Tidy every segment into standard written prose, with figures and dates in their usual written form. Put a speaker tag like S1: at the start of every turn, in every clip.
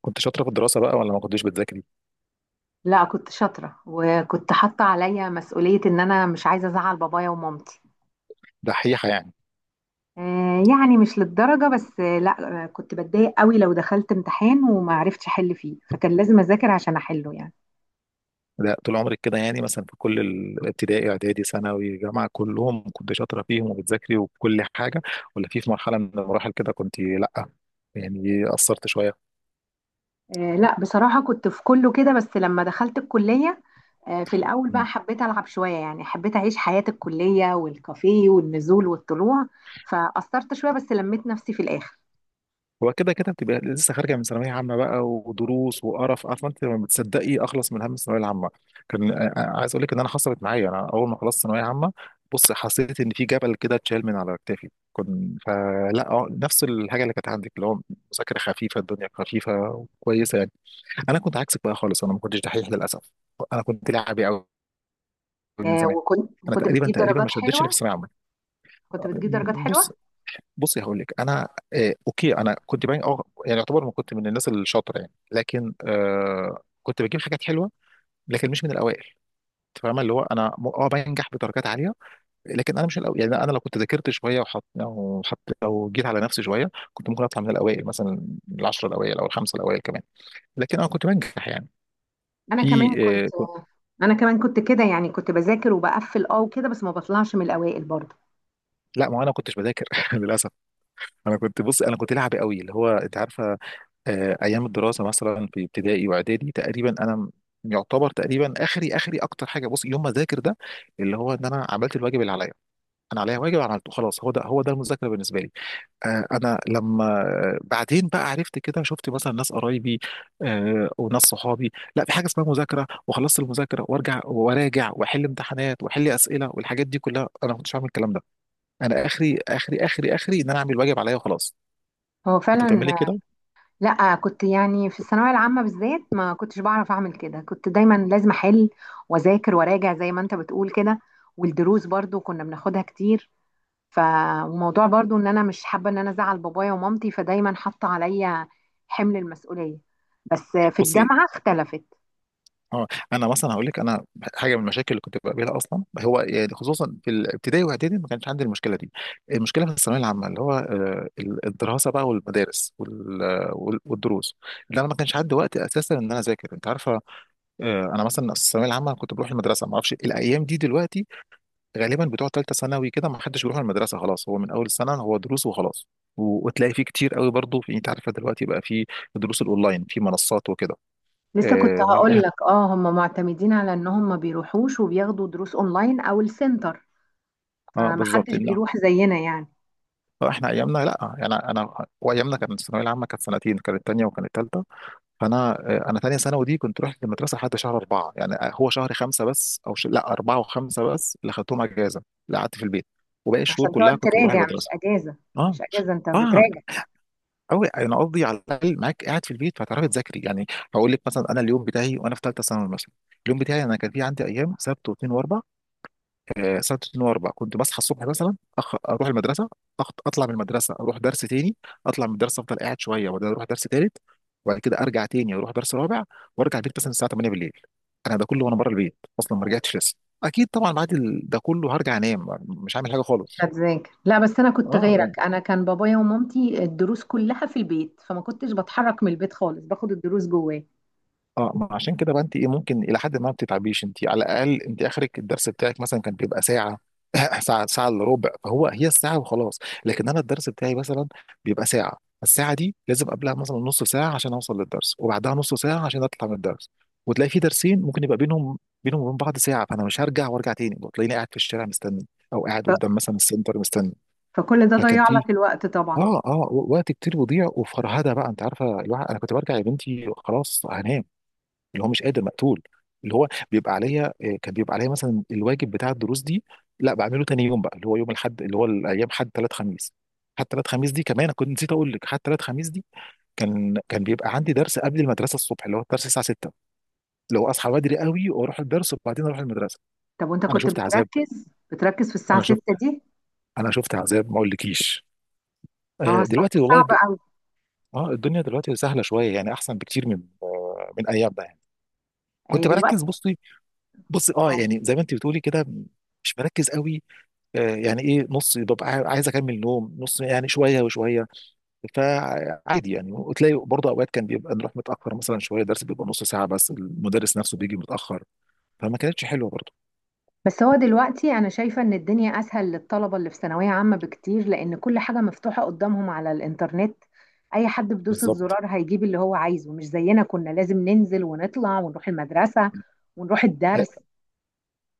S1: كنت شاطرة في الدراسة بقى ولا ما كنتش بتذاكري؟
S2: لا، كنت شاطرة وكنت حاطة عليا مسؤولية ان انا مش عايزة ازعل بابايا ومامتي.
S1: دحيحة يعني.
S2: آه، يعني مش للدرجة، بس لا كنت بتضايق قوي لو دخلت امتحان وما عرفتش احل فيه، فكان لازم اذاكر عشان احله يعني.
S1: ده طول عمري كده، يعني مثلا في كل الابتدائي اعدادي ثانوي جامعة كلهم كنت شاطرة فيهم وبتذاكري وكل حاجة، ولا في مرحلة من المراحل كده كنت لأ؟ يعني قصرت شوية.
S2: لا، بصراحة كنت في كله كده، بس لما دخلت الكلية في الاول بقى حبيت العب شوية، يعني حبيت اعيش حياة الكلية والكافيه والنزول والطلوع. فقصرت شوية بس لميت نفسي في الاخر.
S1: هو كده كده بتبقى لسه خارجه من ثانويه عامه بقى ودروس وقرف، عارفه انت لما بتصدقي اخلص من هم الثانويه العامه. كان عايز اقول لك ان انا حصلت معايا، انا اول ما خلصت ثانويه عامه بص حسيت ان في جبل كده اتشال من على كتافي. كنت، فلا نفس الحاجه اللي كانت عندك، اللي هو مذاكره خفيفه، الدنيا خفيفه وكويسه يعني. انا كنت عكسك بقى خالص، انا ما كنتش دحيح للاسف. انا كنت لعبي قوي من زمان.
S2: وكنت
S1: انا
S2: وكنت
S1: تقريبا
S2: بتجيب
S1: تقريبا ما
S2: درجات
S1: شدتش اللي
S2: حلوة.
S1: في الثانويه العامه.
S2: كنت بتجيب درجات
S1: بص،
S2: حلوة.
S1: بصي هقول لك. انا آه اوكي، انا كنت باين اه يعني، يعتبر ما كنت من الناس الشاطره يعني، لكن كنت بجيب حاجات حلوه، لكن مش من الاوائل. انت فاهمه اللي هو انا بنجح بدرجات عاليه، لكن انا مش الاول يعني. انا لو كنت ذاكرت شويه وحط او حط او جيت على نفسي شويه كنت ممكن اطلع من الاوائل مثلا، العشره الاوائل او الخمسه الاوائل كمان، لكن انا كنت بنجح يعني.
S2: انا
S1: في
S2: كمان كنت.
S1: آه
S2: انا كمان كنت كده، يعني كنت بذاكر وبقفل وكده، بس ما بطلعش من الاوائل برضه.
S1: لا، ما انا كنتش بذاكر للاسف. انا كنت، بص انا كنت لعبي قوي، اللي هو انت عارفه. ايام الدراسه مثلا في ابتدائي واعدادي تقريبا يعتبر تقريبا اخري اكتر حاجه، بص، يوم ما اذاكر ده اللي هو ان انا عملت الواجب اللي عليا. انا عليا واجب عملته خلاص، هو ده هو ده المذاكره بالنسبه لي. انا لما بعدين بقى عرفت كده، شفت مثلا ناس قرايبي وناس صحابي، لا في حاجه اسمها مذاكره، وخلصت المذاكره وارجع وراجع واحل امتحانات واحل اسئله والحاجات دي كلها، انا ما كنتش عامل الكلام ده. انا اخري ان انا اعمل الواجب عليا وخلاص.
S2: هو
S1: كنت
S2: فعلا.
S1: بتعملي كده.
S2: لا، كنت يعني في الثانويه العامه بالذات ما كنتش بعرف اعمل كده. كنت دايما لازم احل واذاكر وراجع زي ما انت بتقول كده. والدروس برضه كنا بناخدها كتير. ف وموضوع برضه ان انا مش حابه ان انا ازعل بابايا ومامتي، فدايما حاطه عليا حمل المسؤوليه. بس في
S1: بصي
S2: الجامعه اختلفت.
S1: اه، انا مثلا هقول لك، انا حاجه من المشاكل اللي كنت بقابلها اصلا هو، يعني خصوصا في الابتدائي واعدادي ما كانش عندي المشكله دي. المشكله في الثانويه العامه اللي هو الدراسه بقى والمدارس وال- آه، وال- والدروس اللي انا ما كانش عندي وقت اساسا ان انا اذاكر، انت عارفه. انا مثلا الثانويه العامه كنت بروح المدرسه، ما اعرفش الايام دي دلوقتي غالبا بتوع ثالثه ثانوي كده، ما حدش بيروح المدرسه خلاص، هو من اول السنه هو دروس وخلاص. وتلاقي فيه كتير قوي برضه، في انت عارفه دلوقتي بقى في دروس الاونلاين في منصات وكده.
S2: لسه كنت
S1: آه، ما أعرف-
S2: هقول
S1: إيه،
S2: لك، هم معتمدين على ان هم ما بيروحوش وبياخدوا دروس اونلاين او السنتر.
S1: اه بالظبط.
S2: فمحدش بيروح زينا يعني.
S1: لا، احنا ايامنا، لا يعني وايامنا كانت الثانويه العامه كانت سنتين، كانت تانية وكانت تالتة. فانا انا تانية ثانوي دي كنت رحت المدرسه لحد شهر اربعه يعني، هو شهر خمسه بس لا اربعه وخمسه بس اللي خدتهم اجازه، اللي قعدت في البيت، وباقي الشهور
S2: عشان
S1: كلها
S2: تقعد
S1: كنت بروح
S2: تراجع، مش
S1: المدرسه.
S2: اجازه.
S1: اه.
S2: مش اجازه، انت
S1: اه
S2: بتراجع.
S1: قوي، انا قصدي على الاقل معاك قاعد في البيت فهتعرفي تذاكري يعني. هقول لك مثلا انا اليوم بتاعي وانا في ثالثه ثانوي مثلا، اليوم بتاعي انا كان في عندي ايام سبت واثنين واربع. سنه 2004 كنت بصحى الصبح مثلا، اروح المدرسه، اطلع من المدرسه اروح درس تاني، اطلع من الدرس افضل قاعد شويه وبعدين اروح درس تالت، وبعد كده ارجع تاني اروح درس رابع، وارجع البيت مثلا الساعه 8 بالليل. انا ده كله وانا بره البيت اصلا، ما رجعتش لسه. اكيد طبعا بعد ده كله هرجع انام مش هعمل حاجه
S2: مش
S1: خالص.
S2: هتذاكر. لا، بس انا كنت
S1: اه لا.
S2: غيرك. انا كان بابايا ومامتي الدروس كلها في البيت، فما كنتش بتحرك من البيت خالص، باخد الدروس جواه.
S1: اه، ما عشان كده بقى انت ايه، ممكن الى حد ما بتتعبيش، انت على الاقل انت اخرك الدرس بتاعك مثلا كان بيبقى ساعه ساعه، ساعه الا ربع، فهو هي الساعه وخلاص. لكن انا الدرس بتاعي مثلا بيبقى ساعه، الساعه دي لازم قبلها مثلا نص ساعه عشان اوصل للدرس، وبعدها نص ساعه عشان اطلع من الدرس، وتلاقي في درسين ممكن يبقى بينهم وبين بعض ساعه، فانا مش هرجع وارجع تاني، وتلاقيني قاعد في الشارع مستني، او قاعد
S2: ف...
S1: قدام مثلا السنتر مستني.
S2: فكل ده
S1: فكان
S2: ضيع
S1: في
S2: لك الوقت طبعا.
S1: اه وقت كتير بيضيع وفرهده بقى، انت عارفه، الواحد انا كنت برجع يا بنتي خلاص هنام، اللي هو مش قادر مقتول، اللي هو بيبقى عليا كان بيبقى عليا مثلا الواجب بتاع الدروس دي، لا بعمله تاني يوم بقى، اللي هو يوم الاحد، اللي هو الايام حد ثلاث خميس. حتى ثلاث خميس دي كمان أنا كنت نسيت اقول لك، حتى ثلاث خميس دي كان بيبقى عندي درس قبل المدرسه الصبح، اللي هو الدرس الساعه 6، اللي هو اصحى بدري قوي واروح الدرس وبعدين اروح المدرسه.
S2: طب وانت
S1: انا
S2: كنت
S1: شفت عذاب.
S2: بتركز؟ بتركز في الساعه
S1: انا شفت
S2: 6 دي؟
S1: انا شفت عذاب ما اقولكيش.
S2: اه.
S1: دلوقتي والله
S2: صعب قوي.
S1: اه الدنيا دلوقتي سهله شويه يعني، احسن بكتير من من ايام ده يعني.
S2: هي
S1: كنت
S2: دلوقتي.
S1: بركز، بصي، بصي اه، يعني زي ما انت بتقولي كده، مش مركز قوي، يعني ايه، نص ببقى عايز اكمل نوم، نص يعني، شويه وشويه، فعادي يعني. وتلاقي برضه اوقات كان بيبقى نروح متاخر مثلا شويه، درس بيبقى نص ساعه بس المدرس نفسه بيجي متاخر، فما كانتش حلوه برضه.
S2: بس هو دلوقتي انا شايفة ان الدنيا اسهل للطلبة اللي في ثانوية عامة بكتير، لان كل حاجة مفتوحة قدامهم على الانترنت. اي حد بدوسة
S1: بالظبط.
S2: زرار هيجيب اللي هو عايزه، مش زينا كنا لازم ننزل ونطلع ونروح المدرسة ونروح الدرس.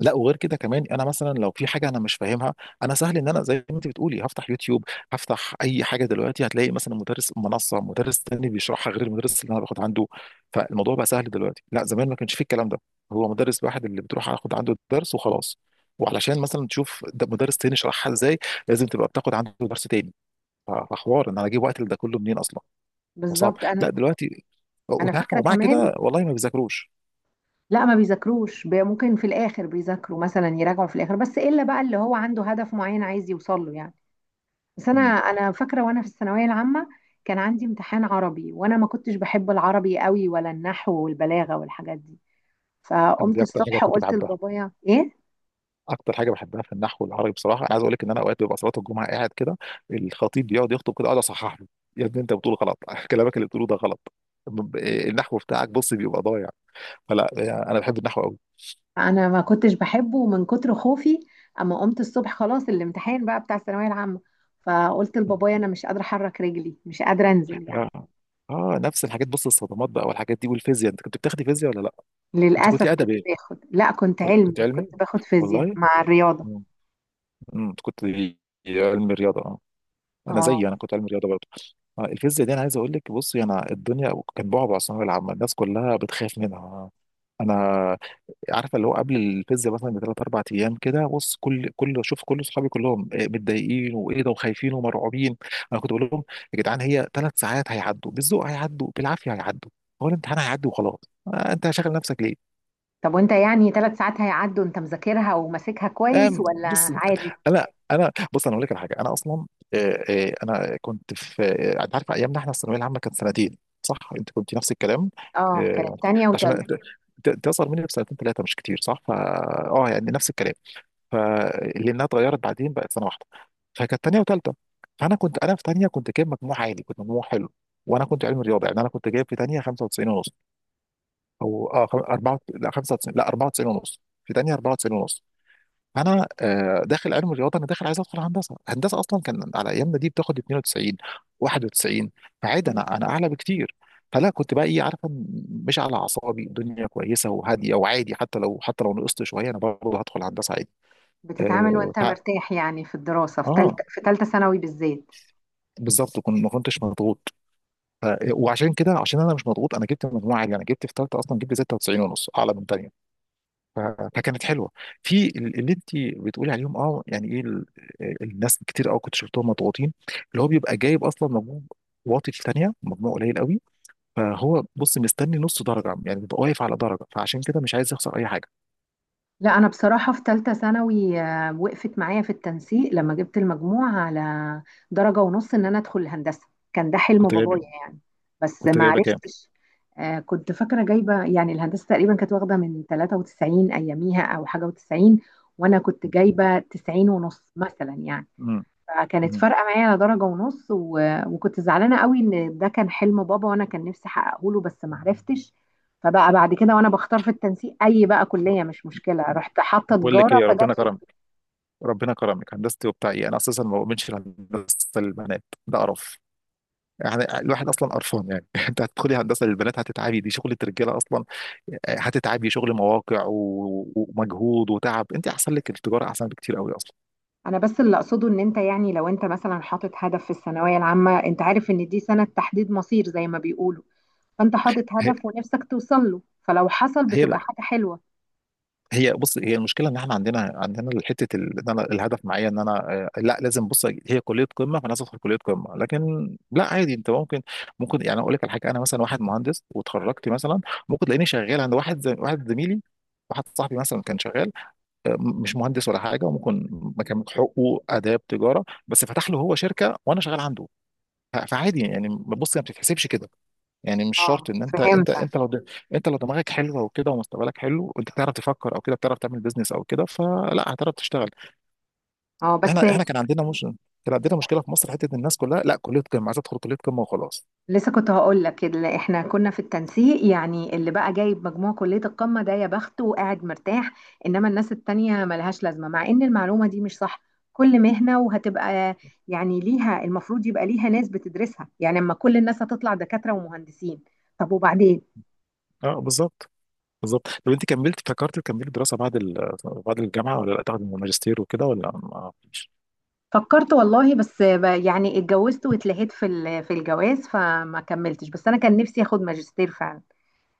S1: لا وغير كده كمان، انا مثلا لو في حاجه انا مش فاهمها، انا سهل ان انا زي ما انت بتقولي هفتح يوتيوب، هفتح اي حاجه دلوقتي هتلاقي مثلا مدرس، منصه، مدرس تاني بيشرحها غير المدرس اللي انا باخد عنده، فالموضوع بقى سهل دلوقتي. لا زمان ما كانش فيه الكلام ده، هو مدرس واحد اللي بتروح اخد عنده الدرس وخلاص. وعلشان مثلا تشوف ده مدرس تاني شرحها ازاي لازم تبقى بتاخد عنده درس تاني، فحوار ان انا اجيب وقت لده كله منين اصلا، فصعب.
S2: بالظبط. انا
S1: لا دلوقتي،
S2: انا
S1: وتعرف،
S2: فاكرة
S1: ومع
S2: كمان.
S1: كده والله ما بيذاكروش.
S2: لا، ما بيذاكروش، ممكن في الاخر بيذاكروا، مثلا يراجعوا في الاخر، بس الا بقى اللي هو عنده هدف معين عايز يوصل له يعني. بس انا
S1: مم.
S2: انا فاكرة وانا في الثانوية العامة كان عندي امتحان عربي، وانا ما كنتش بحب العربي قوي ولا النحو والبلاغة والحاجات دي.
S1: انا
S2: فقمت
S1: دي اكتر حاجه
S2: الصبح
S1: كنت
S2: وقلت
S1: بحبها،
S2: لبابايا ايه.
S1: اكتر حاجه بحبها في النحو العربي بصراحه. انا عايز اقول لك ان انا اوقات ببقى صلاه الجمعه قاعد كده، الخطيب بيقعد يخطب كده اقعد اصحح له، يا ابني انت بتقول غلط كلامك اللي بتقوله ده غلط، النحو بتاعك بص بيبقى ضايع، فلا يعني انا بحب النحو قوي.
S2: انا ما كنتش بحبه من كتر خوفي. اما قمت الصبح، خلاص الامتحان بقى بتاع الثانويه العامه، فقلت لبابايا انا مش قادره احرك رجلي، مش قادره انزل يعني.
S1: اه. نفس الحاجات، بص الصدمات بقى والحاجات دي والفيزياء، انت كنت بتاخدي فيزياء ولا لا؟ انت كنت
S2: للاسف
S1: ادب
S2: كنت
S1: ايه
S2: باخد. لا، كنت
S1: ولا
S2: علمي،
S1: كنت
S2: كنت
S1: علمي؟
S2: باخد فيزياء
S1: والله.
S2: مع الرياضه.
S1: مم. مم، كنت علمي رياضه. انا
S2: اه.
S1: زيي، انا كنت علم رياضه برضه. الفيزياء دي انا عايز اقول لك، بصي، انا الدنيا كان بعبع الثانويه العامه، الناس كلها بتخاف منها. انا عارفه اللي هو قبل الفيزياء مثلا بثلاث اربع ايام كده، بص، كل اصحابي كلهم متضايقين، وايه ده، وخايفين ومرعوبين. انا كنت بقول لهم يا جدعان، هي ثلاث ساعات هيعدوا، بالذوق هيعدوا بالعافيه هيعدوا، هو الامتحان هيعدي وخلاص، انت شاغل نفسك ليه.
S2: طب وانت يعني 3 ساعات هيعدوا، انت مذاكرها وماسكها كويس ولا
S1: بص،
S2: عادي؟
S1: انا انا بص انا اقول لك على حاجه. انا اصلا انا كنت في انت عارف ايامنا احنا الثانويه العامه كانت سنتين صح، انت كنت نفس الكلام،
S2: اه. كانت
S1: آه،
S2: تانية
S1: عشان
S2: وتالتة.
S1: انت عشان أنت اصغر مني بسنتين ثلاثه مش كتير صح، فا اه يعني نفس الكلام. فلانها اتغيرت بعدين بقت سنه واحده، فكانت ثانيه وثالثه. فانا كنت، انا في ثانيه كنت جايب مجموع عالي، كنت مجموع حلو، وانا كنت علمي رياضه، يعني انا كنت جايب في ثانيه 95 ونص، 94 لا 95 لا 94 ونص، في ثانيه 94 ونص. فانا داخل علم رياضه، انا داخل عايز ادخل هندسه، هندسه اصلا كان على ايامنا دي بتاخد 92 91، فعادي،
S2: مم.
S1: انا اعلى بكتير. فلا كنت بقى ايه، عارفه، مش على اعصابي، الدنيا كويسه وهاديه وعادي. حتى لو نقصت شويه انا برضه هدخل هندسه عادي.
S2: بتتعامل
S1: اه،
S2: وانت مرتاح يعني في الدراسه، في
S1: آه،
S2: تالتة، في تالتة ثانوي بالذات؟
S1: بالظبط كنت، ما كنتش مضغوط. ف- وعشان كده، عشان انا مش مضغوط، انا جبت مجموعه عاليه، انا جبت في ثالثه اصلا جبت 96 ونص، اعلى من ثانيه، ف- فكانت حلوه. في اللي انت بتقولي عليهم، اه يعني ايه، الناس كتير قوي كنت شفتهم مضغوطين، اللي هو بيبقى جايب اصلا مجموع واطي في ثانيه، مجموع قليل قوي، فهو بص مستني نص درجه يعني، بيبقى واقف على درجه فعشان كده مش عايز يخسر اي حاجه.
S2: لا، انا بصراحه في ثالثه ثانوي وقفت معايا في التنسيق لما جبت المجموع على درجه ونص ان انا ادخل الهندسه. كان ده حلم
S1: كنت
S2: بابايا
S1: جايب،
S2: يعني. بس
S1: كنت
S2: ما
S1: جايبه كام؟
S2: عرفتش. كنت فاكره جايبه يعني الهندسه تقريبا كانت واخده من 93 اياميها او حاجه و90، وانا كنت جايبه 90 ونص مثلا يعني.
S1: امم.
S2: فكانت
S1: أمم.
S2: فارقه معايا على درجه ونص وكنت زعلانه قوي ان ده كان حلم بابا، وانا كان نفسي احققه له، بس ما عرفتش. فبقى بعد كده وانا بختار في التنسيق، اي بقى كليه مش مشكله. رحت حاطه
S1: بقول لك
S2: تجاره
S1: ايه،
S2: فجات
S1: ربنا
S2: لي.
S1: كرمك. ربنا كرمك، هندستي وبتاع ايه، انا اساسا ما بؤمنش في هندسه البنات، ده قرف يعني، الواحد اصلا قرفان يعني انت هتدخلي هندسه للبنات هتتعبي، دي شغله رجاله اصلا، هتتعبي شغل مواقع ومجهود وتعب، انت احسن لك التجاره احسن بكتير قوي اصلا.
S2: انا بس اللي اقصده ان انت يعني، لو انت مثلا حاطط هدف في الثانويه العامه، انت عارف ان دي سنه تحديد مصير زي ما بيقولوا. فانت حاطط
S1: هي،
S2: هدف ونفسك توصل له. فلو حصل
S1: هي،
S2: بتبقى حاجه حلوه.
S1: هي بص، هي المشكله ان احنا عندنا، ان انا الهدف معايا ان انا لا لازم، بص، هي كليه قمه فانا لازم ادخل كليه قمه، لكن لا عادي. انت ممكن، ممكن يعني اقول لك على حاجه، انا مثلا واحد مهندس وتخرجت مثلا، ممكن تلاقيني شغال عند واحد زي واحد زميلي، واحد صاحبي مثلا كان شغال مش مهندس ولا حاجه، وممكن مكان حقوق اداب تجاره بس فتح له هو شركه وانا شغال عنده، فعادي يعني، بص، ما بتتحسبش كده. يعني مش شرط
S2: اه،
S1: ان انت
S2: فهمت.
S1: انت انت لو انت لو دماغك حلوه وكده ومستقبلك حلو، وانت بتعرف تفكر او كده، بتعرف تعمل بيزنس او كده، فلا هتعرف تشتغل.
S2: اه، بس.
S1: احنا احنا كان عندنا مش كان عندنا مشكله في مصر، حته إن الناس كلها لا، كليه قمه عايز ادخل كليه قمه وخلاص.
S2: لسه كنت هقول لك، اللي احنا كنا في التنسيق يعني، اللي بقى جايب مجموع كلية القمة ده يا بخته وقاعد مرتاح. انما الناس التانية ملهاش لازمة، مع ان المعلومة دي مش صح. كل مهنة وهتبقى يعني ليها، المفروض يبقى ليها ناس بتدرسها يعني. اما كل الناس هتطلع دكاترة ومهندسين؟ طب وبعدين.
S1: اه بالظبط. بالظبط، طب انت كملت، فكرت تكملي دراسه بعد بعد الجامعه ولا لا، تاخد الماجستير وكده، ولا ما فيش؟
S2: فكرت والله، بس يعني اتجوزت واتلهيت في في الجواز فما كملتش، بس انا كان نفسي اخد ماجستير فعلا.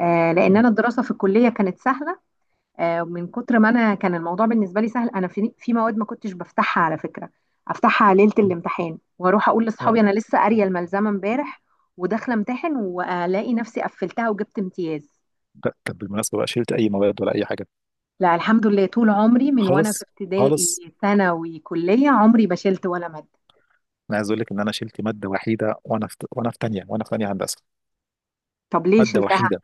S2: لان انا الدراسة في الكلية كانت سهلة. من كتر ما انا كان الموضوع بالنسبه لي سهل، انا في مواد ما كنتش بفتحها على فكره. افتحها ليله الامتحان واروح اقول لاصحابي انا لسه قاريه الملزمه امبارح، وداخله امتحن والاقي نفسي قفلتها وجبت امتياز.
S1: لا، طب بالمناسبة بقى، شلت أي مواد ولا أي حاجة؟
S2: لا، الحمد لله، طول عمري من وانا في
S1: خالص.
S2: ابتدائي
S1: خالص.
S2: ثانوي كليه عمري ما شلت ولا ماده.
S1: أنا عايز أقول لك إن أنا شلت مادة وحيدة، وأنا في تانية، وأنا في تانية هندسة.
S2: طب ليه
S1: مادة
S2: شلتها؟
S1: وحيدة.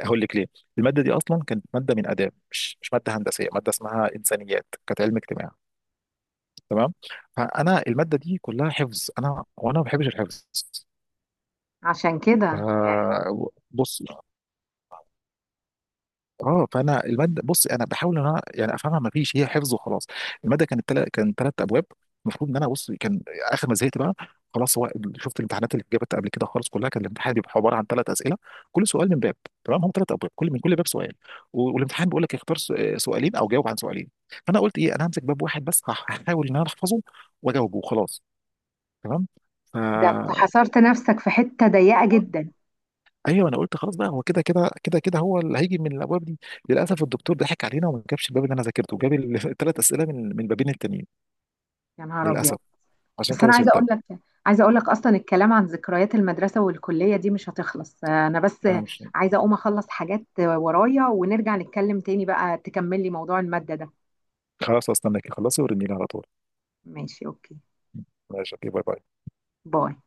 S1: هقول لك ليه. المادة دي أصلا كانت مادة من آداب، مش مادة هندسية، مادة اسمها إنسانيات، كانت علم اجتماع. تمام. فأنا المادة دي كلها حفظ، أنا وأنا ما بحبش الحفظ.
S2: عشان كده
S1: ف
S2: آه،
S1: بص، اه، فانا الماده، بص انا بحاول ان انا يعني افهمها، ما فيش، هي حفظ وخلاص. الماده كانت كان ثلاث ابواب. المفروض ان انا، بص، كان اخر ما زهقت بقى خلاص، هو، شفت الامتحانات اللي اتجابت قبل كده خالص، كلها كان الامتحان بيبقى عباره عن ثلاث اسئله، كل سؤال من باب، تمام، هم ثلاث ابواب، كل من كل باب سؤال، والامتحان بيقول لك اختار سؤالين او جاوب عن سؤالين، فانا قلت ايه، انا همسك باب واحد بس هحاول ان انا احفظه واجاوبه وخلاص. تمام.
S2: ده انت حصرت نفسك في حته ضيقه جدا.
S1: ايوه، انا قلت خلاص بقى، هو كده هو اللي هيجي من الابواب دي. للاسف الدكتور ضحك علينا وما جابش الباب اللي انا ذاكرته، جاب الثلاث اسئله من بابين التانيين.
S2: يا نهار ابيض!
S1: للاسف. عشان
S2: بس
S1: كده
S2: انا عايزه
S1: شلتها.
S2: اقول لك، عايزه اقول لك اصلا، الكلام عن ذكريات المدرسه والكليه دي مش هتخلص. انا بس
S1: أنا مش-
S2: عايزه اقوم اخلص حاجات ورايا، ونرجع نتكلم تاني بقى تكملي موضوع الماده ده.
S1: خلاص استناك، خلصي ورني لي على طول.
S2: ماشي، اوكي،
S1: ماشي اوكي. باي باي.
S2: باي.